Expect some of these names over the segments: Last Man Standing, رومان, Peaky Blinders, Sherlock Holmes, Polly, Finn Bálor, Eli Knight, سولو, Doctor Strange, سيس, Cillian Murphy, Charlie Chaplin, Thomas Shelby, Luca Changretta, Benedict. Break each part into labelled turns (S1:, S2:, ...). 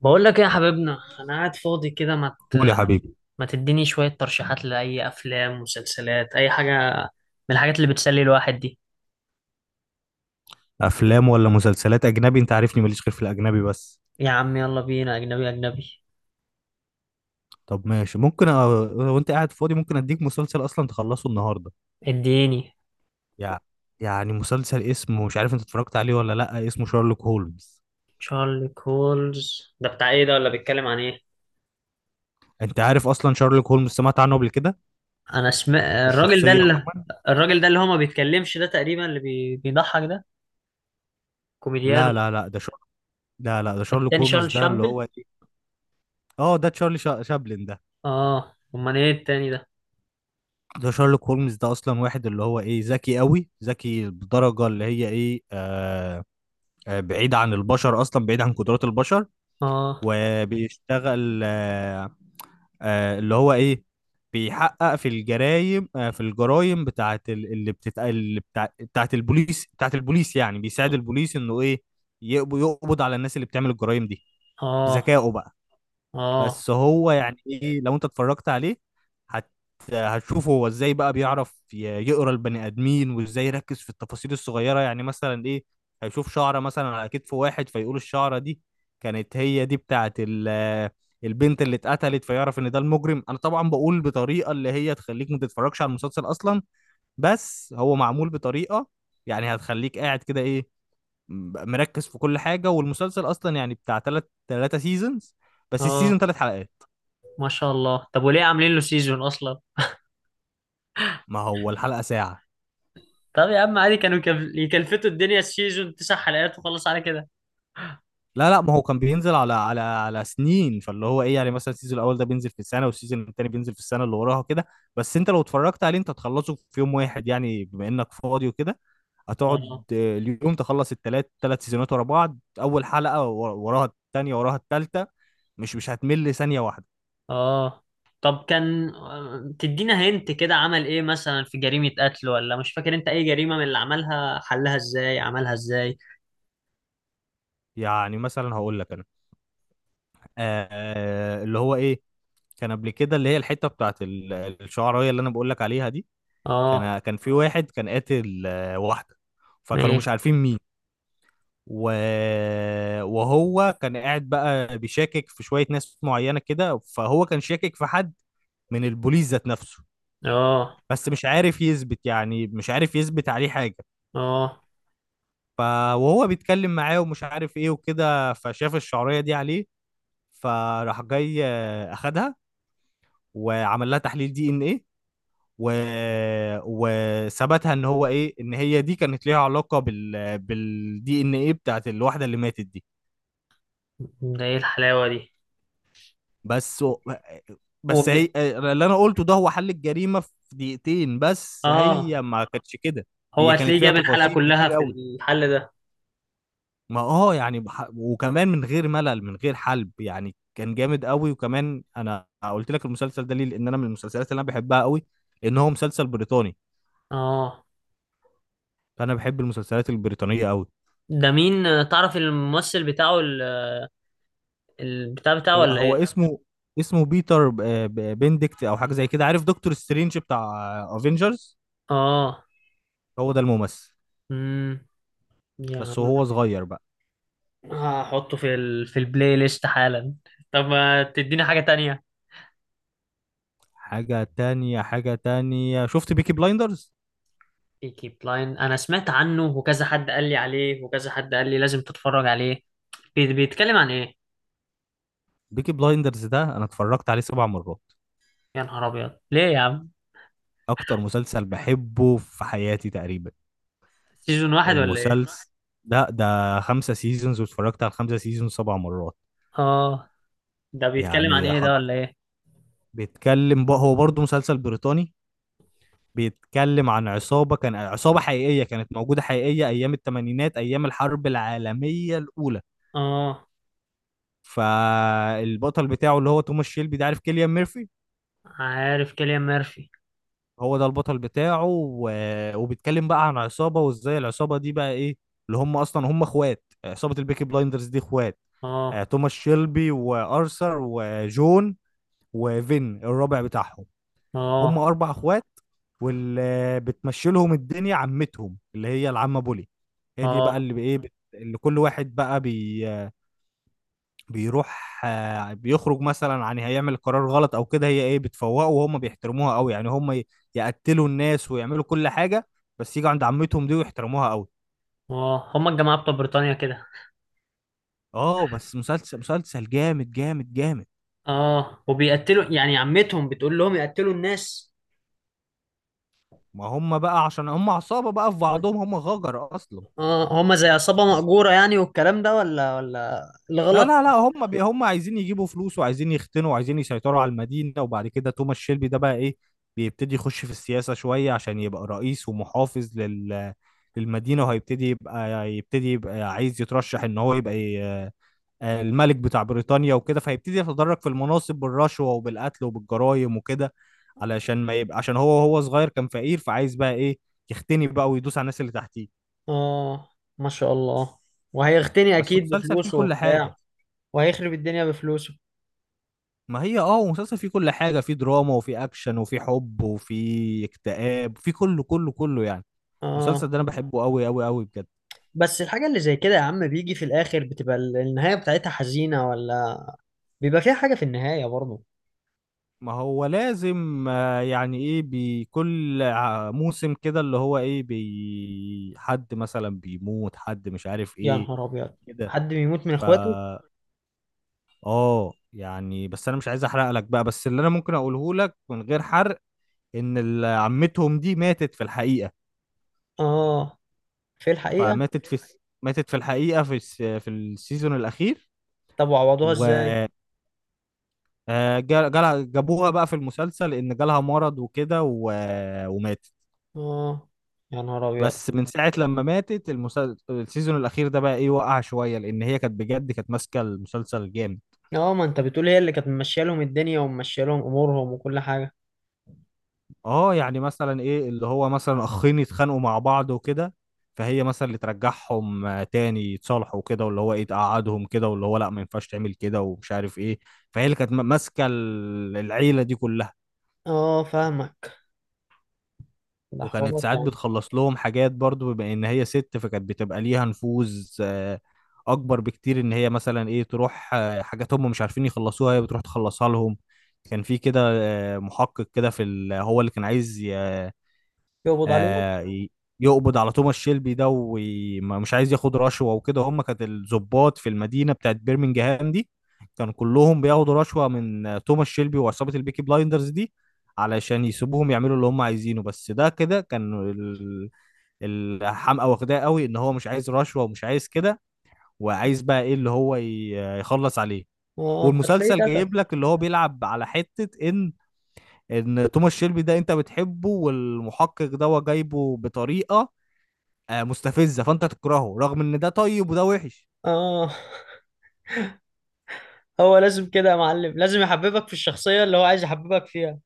S1: بقول لك ايه يا حبيبنا، انا قاعد فاضي كده.
S2: قول يا حبيبي.
S1: ما تديني شوية ترشيحات لأي افلام مسلسلات اي حاجة من الحاجات اللي بتسلي الواحد دي.
S2: افلام ولا مسلسلات؟ اجنبي، انت عارفني ماليش غير في الاجنبي بس.
S1: يا عم يلا بينا، اجنبي اجنبي.
S2: طب ماشي، ممكن وانت قاعد فاضي ممكن اديك مسلسل اصلا تخلصه النهارده.
S1: اديني.
S2: يع... يعني مسلسل اسمه، مش عارف انت اتفرجت عليه ولا لا، اسمه شارلوك هولمز.
S1: تشارلي كولز ده بتاع ايه؟ ده ولا بيتكلم عن ايه؟
S2: انت عارف اصلا شارلوك هولمز، سمعت عنه قبل كده؟
S1: انا سمعت الراجل ده
S2: الشخصيه
S1: اللي،
S2: عموما.
S1: الراجل ده اللي هو ما بيتكلمش ده، تقريبا اللي بيضحك ده، كوميديان.
S2: لا لا لا، لا لا، ده شارلوك
S1: التاني
S2: هولمز
S1: شارل
S2: ده اللي
S1: شامبل.
S2: هو ايه. اه، ده تشارلي شابلن ده.
S1: اه، امال ايه التاني ده؟
S2: ده شارلوك هولمز ده اصلا واحد اللي هو ايه، ذكي قوي، ذكي بدرجه اللي هي ايه، بعيد عن البشر، اصلا بعيد عن قدرات البشر.
S1: اه.
S2: وبيشتغل اللي هو ايه، بيحقق في الجرايم، في الجرايم بتاعت ال- اللي بتت اللي بتاع بتاعت البوليس بتاعت البوليس، يعني بيساعد البوليس انه ايه يقبض على الناس اللي بتعمل الجرايم دي
S1: اه.
S2: بذكائه بقى.
S1: اه.
S2: بس هو يعني ايه، لو انت اتفرجت عليه هت هتشوف هو ازاي بقى بيعرف يقرا البني ادمين، وازاي يركز في التفاصيل الصغيره، يعني مثلا ايه. هيشوف شعره مثلا على كتف واحد فيقول الشعره دي كانت هي دي بتاعت البنت اللي اتقتلت، فيعرف ان ده المجرم. انا طبعا بقول بطريقه اللي هي تخليك ما تتفرجش على المسلسل اصلا، بس هو معمول بطريقه يعني هتخليك قاعد كده ايه، مركز في كل حاجه. والمسلسل اصلا يعني بتاع تلاتة سيزونز، بس السيزون
S1: اه.
S2: 3 حلقات.
S1: ما شاء الله. طب وليه عاملين له سيزون اصلا؟
S2: ما هو الحلقة ساعة.
S1: طب يا عم عادي، كانوا يكلفتوا الدنيا السيزون 9 حلقات وخلص على كده.
S2: لا لا، ما هو كان بينزل على سنين، فاللي هو ايه يعني مثلا السيزون الاول ده بينزل في السنة، والسيزون التاني بينزل في السنة اللي وراها كده. بس انت لو اتفرجت عليه انت هتخلصه في يوم واحد يعني بما انك فاضي وكده. هتقعد
S1: اه.
S2: اليوم تخلص التلات سيزونات ورا بعض، اول حلقة وراها التانية، وراها التالتة. مش هتمل ثانية واحدة.
S1: اه. طب كان، تدينا هنت كده عمل ايه مثلا في جريمة قتل، ولا مش فاكر انت اي جريمة من اللي عملها؟ حلها ازاي، عملها ازاي؟
S2: يعني مثلا هقول لك انا اللي هو ايه، كان قبل كده اللي هي الحتة بتاعت الشعراية اللي انا بقول لك عليها دي.
S1: اه.
S2: كان في واحد كان قاتل واحدة، فكانوا مش
S1: ايه.
S2: عارفين مين. و... وهو كان قاعد بقى بيشاكك في شوية ناس معينة كده، فهو كان شاكك في حد من البوليس ذات نفسه،
S1: اه.
S2: بس مش عارف يثبت، يعني مش عارف يثبت عليه حاجة.
S1: اه.
S2: ف... وهو بيتكلم معاه ومش عارف ايه وكده، فشاف الشعرية دي عليه، فراح جاي اخدها، وعمل لها تحليل دي ان ايه، و... وثبتها ان هو ايه، ان هي دي كانت ليها علاقه بالدي ان ايه بتاعت الواحده اللي ماتت دي.
S1: ده ايه الحلاوة دي؟
S2: بس بس
S1: وج-
S2: هي اللي انا قلته ده هو حل الجريمه في دقيقتين، بس
S1: اه.
S2: هي ما كانتش كده،
S1: هو
S2: هي كانت
S1: هتلاقيه
S2: فيها
S1: جاب الحلقة
S2: تفاصيل
S1: كلها
S2: كتير
S1: في
S2: قوي.
S1: الحل ده.
S2: ما اه يعني وكمان من غير ملل، من غير حلب يعني، كان جامد قوي. وكمان انا قلت لك المسلسل ده ليه، لان انا من المسلسلات اللي انا بحبها قوي ان هو مسلسل بريطاني.
S1: اه،
S2: فانا بحب المسلسلات البريطانيه قوي.
S1: ده مين؟ تعرف الممثل بتاعه، البتاع بتاعه
S2: هو
S1: ولا ايه؟
S2: هو اسمه بيتر بندكت او حاجه زي كده. عارف دكتور سترينج بتاع افنجرز؟
S1: اه.
S2: هو ده الممثل،
S1: امم يا
S2: بس
S1: عم
S2: هو صغير بقى.
S1: هحطه في في البلاي ليست حالا. طب ما تديني حاجة تانية.
S2: حاجه تانية، حاجه تانية، شفت بيكي بلايندرز؟
S1: بيكي بلاين، انا سمعت عنه وكذا حد قال لي عليه، وكذا حد قال لي لازم تتفرج عليه. بيتكلم عن ايه؟
S2: بيكي بلايندرز ده انا اتفرجت عليه 7 مرات،
S1: يا نهار ابيض، ليه يا عم؟
S2: اكتر مسلسل بحبه في حياتي تقريبا.
S1: سيزون واحد ولا
S2: المسلسل
S1: ايه؟
S2: ده 5 سيزونز، واتفرجت على الخمسة سيزونز 7 مرات.
S1: اه. ده بيتكلم عن
S2: يعني
S1: ايه، ده
S2: حط،
S1: ولا ايه؟
S2: بيتكلم بقى هو برضه مسلسل بريطاني، بيتكلم عن عصابة، كان عصابة حقيقية كانت موجودة حقيقية أيام التمانينات، أيام الحرب العالمية الأولى.
S1: اه،
S2: فالبطل بتاعه اللي هو توماس شيلبي ده، عارف كيليان ميرفي،
S1: عارف كيليان ميرفي.
S2: هو ده البطل بتاعه. وبيتكلم بقى عن عصابة، وإزاي العصابة دي بقى إيه، اللي هم أصلا هم إخوات، عصابة البيكي بلايندرز دي إخوات،
S1: اه.
S2: توماس شيلبي وأرثر وجون، وفين الرابع بتاعهم؟ هم
S1: اه.
S2: 4 اخوات. واللي بتمشي لهم الدنيا عمتهم، اللي هي العمه بولي، هي دي بقى
S1: اه.
S2: اللي بايه اللي كل واحد بقى بيروح بيخرج، مثلا عن هيعمل قرار غلط او كده، هي ايه بتفوقه، وهم بيحترموها قوي، يعني هم يقتلوا الناس ويعملوا كل حاجه، بس يجوا عند عمتهم دي ويحترموها قوي.
S1: اه هما الجماعة بتوع بريطانيا كده.
S2: اه، بس مسلسل مسلسل جامد جامد جامد.
S1: اه، وبيقتلوا يعني عمتهم بتقول لهم يقتلوا الناس؟
S2: ما هم بقى عشان هم عصابه بقى في بعضهم، هم غجر اصلا.
S1: اه هما زي عصابة مأجورة يعني، والكلام ده، ولا
S2: لا
S1: الغلط؟
S2: لا لا، هم بي هم عايزين يجيبوا فلوس، وعايزين يختنوا، وعايزين يسيطروا على المدينة. وبعد كده توماس شيلبي ده بقى ايه، بيبتدي يخش في السياسة شوية عشان يبقى رئيس ومحافظ لل للمدينة. وهيبتدي يبقى، يبتدي يبقى عايز يترشح ان هو يبقى الملك بتاع بريطانيا وكده، فيبتدي يتدرج في المناصب بالرشوة وبالقتل وبالجرائم وكده، علشان ما يبقى، عشان هو صغير كان فقير، فعايز بقى ايه، يختني بقى ويدوس على الناس اللي تحتيه.
S1: اه. ما شاء الله. وهيغتني
S2: بس
S1: اكيد
S2: مسلسل فيه
S1: بفلوسه
S2: كل حاجة.
S1: وبتاع. وهيخرب الدنيا بفلوسه.
S2: ما هي اه هو مسلسل فيه كل حاجة، فيه دراما، وفيه أكشن، وفيه حب، وفيه اكتئاب، فيه كله كله كله يعني.
S1: اه.
S2: المسلسل ده أنا بحبه أوي أوي أوي بجد.
S1: بس الحاجة اللي زي كده يا عم بيجي في الاخر، بتبقى النهاية بتاعتها حزينة، ولا بيبقى فيها حاجة في النهاية برضه؟
S2: ما هو لازم يعني إيه، بكل موسم كده اللي هو إيه بي، حد مثلا بيموت، حد مش عارف
S1: يا
S2: إيه
S1: نهار ابيض.
S2: كده.
S1: حد بيموت من اخواته.
S2: فا آه يعني، بس أنا مش عايز أحرق لك بقى. بس اللي أنا ممكن أقوله لك من غير حرق، إن عمتهم دي ماتت في الحقيقة.
S1: اه. في الحقيقة.
S2: فماتت في ماتت في الحقيقة في في السيزون الأخير.
S1: طب وعوضوها
S2: و
S1: ازاي؟
S2: آه، جا- جالها- جابوها بقى في المسلسل إن جالها مرض وكده وماتت.
S1: اه. يا نهار ابيض.
S2: بس من ساعة لما ماتت المسلسل، السيزون الأخير ده بقى إيه، وقع شوية لأن هي كانت بجد كانت ماسكة المسلسل جامد.
S1: اه ما انت بتقول هي اللي كانت ممشيه لهم الدنيا وممشيه لهم امورهم وكل حاجة.
S2: أه، يعني مثلا إيه، اللي هو مثلا أخين يتخانقوا مع بعض وكده، فهي مثلا اللي ترجعهم تاني يتصالحوا كده، واللي هو إيه تقعدهم كده، واللي هو لأ، ما ينفعش تعمل كده ومش عارف إيه. فهي اللي كانت ماسكة العيلة دي كلها.
S1: اه فاهمك. ده
S2: وكانت
S1: حوارات
S2: ساعات
S1: يعني.
S2: بتخلص لهم حاجات برضو، بما ان هي ست فكانت بتبقى ليها نفوذ اكبر بكتير، ان هي مثلا ايه تروح حاجات هم مش عارفين يخلصوها هي بتروح تخلصها لهم. كان في كده محقق كده في هو اللي كان عايز
S1: يقبض عليه.
S2: آه، ي- يقبض على توماس شيلبي ده، ومش عايز ياخد رشوة وكده، هم كانت الضباط في المدينة بتاعت بيرمنجهام دي كانوا كلهم بياخدوا رشوة من توماس شيلبي وعصابة البيكي بلايندرز دي، علشان يسيبوهم يعملوا اللي هم عايزينه. بس ده كده كان الحمقى واخداه قوي ان هو مش عايز رشوة ومش عايز كده، وعايز بقى ايه اللي هو يخلص عليه.
S1: اه هتلاقيه
S2: والمسلسل
S1: اتقتل.
S2: جايب لك اللي هو بيلعب على حتة ان، ان توماس شيلبي ده انت بتحبه، والمحقق ده هو جايبه بطريقة مستفزه فانت تكرهه، رغم ان ده طيب وده وحش.
S1: اه. هو لازم كده يا معلم، لازم يحببك في الشخصية اللي هو عايز يحببك فيها.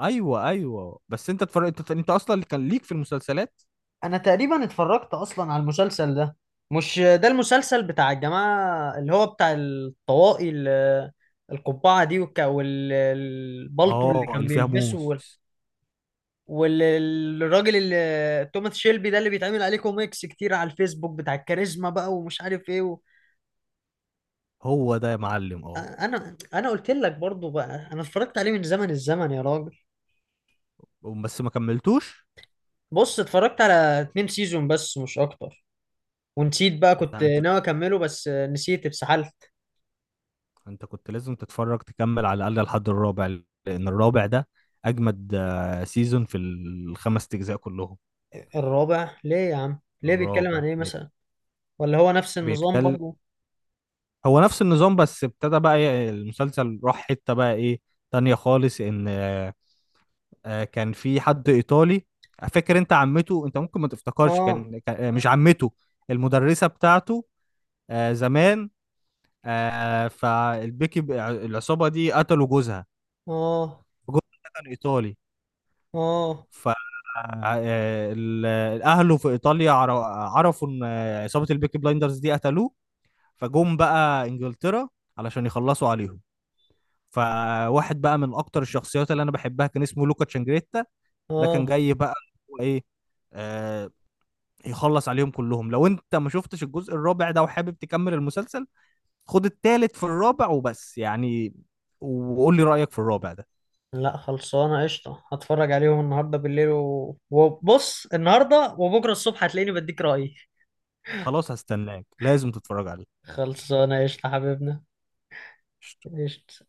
S2: ايوه ايوه، بس انت تفرق، انت اصلا اللي كان ليك في المسلسلات،
S1: انا تقريبا اتفرجت اصلا على المسلسل ده. مش ده المسلسل بتاع الجماعة اللي هو بتاع الطواقي، القبعة دي، والبلطو اللي
S2: اه
S1: كان
S2: اللي فيها
S1: بيلبسه،
S2: موس،
S1: والراجل اللي توماس شيلبي ده اللي بيتعمل عليه كوميكس كتير على الفيسبوك، بتاع الكاريزما بقى ومش عارف ايه.
S2: هو ده يا معلم، اه.
S1: انا قلت لك برضو بقى. انا اتفرجت عليه من زمن الزمن يا راجل.
S2: بس ما كملتوش.
S1: بص، اتفرجت على 2 سيزون بس مش اكتر. ونسيت بقى، كنت
S2: لا انت
S1: ناوي اكمله بس نسيت، اتسحلت.
S2: انت كنت لازم تتفرج، تكمل على الاقل لحد الرابع، لان الرابع ده اجمد سيزون في الخمس اجزاء كلهم.
S1: الرابع ليه يا عم؟ ليه بيتكلم عن
S2: الرابع
S1: ايه
S2: ليه
S1: مثلا؟ ولا هو نفس النظام
S2: بيتكلم؟
S1: برضو؟
S2: هو نفس النظام، بس ابتدى بقى المسلسل راح حته بقى ايه تانية خالص، ان كان في حد ايطالي. فاكر انت عمته، انت ممكن ما تفتكرش،
S1: اه.
S2: مش عمته، المدرسه بتاعته زمان. فالبيكي، العصابه دي قتلوا جوزها،
S1: اه.
S2: جوزها ده كان ايطالي.
S1: اه.
S2: ف آه، اهله في ايطاليا عرفوا ان عصابه البيكي بلايندرز دي قتلوه، فجم بقى انجلترا علشان يخلصوا عليهم. فواحد بقى من اكتر الشخصيات اللي انا بحبها كان اسمه لوكا تشانجريتا. ده كان
S1: اه.
S2: جاي بقى، هو ايه آه، يخلص عليهم كلهم. لو انت ما شفتش الجزء الرابع ده وحابب تكمل المسلسل، خد التالت في الرابع وبس يعني، وقول لي رأيك في الرابع ده.
S1: لا خلصانه قشطه، هتفرج عليهم النهارده بالليل، وبص، النهارده وبكره الصبح هتلاقيني بديك رأيي.
S2: خلاص هستناك، لازم تتفرج عليه.
S1: خلصانه قشطه حبيبنا. قشطه.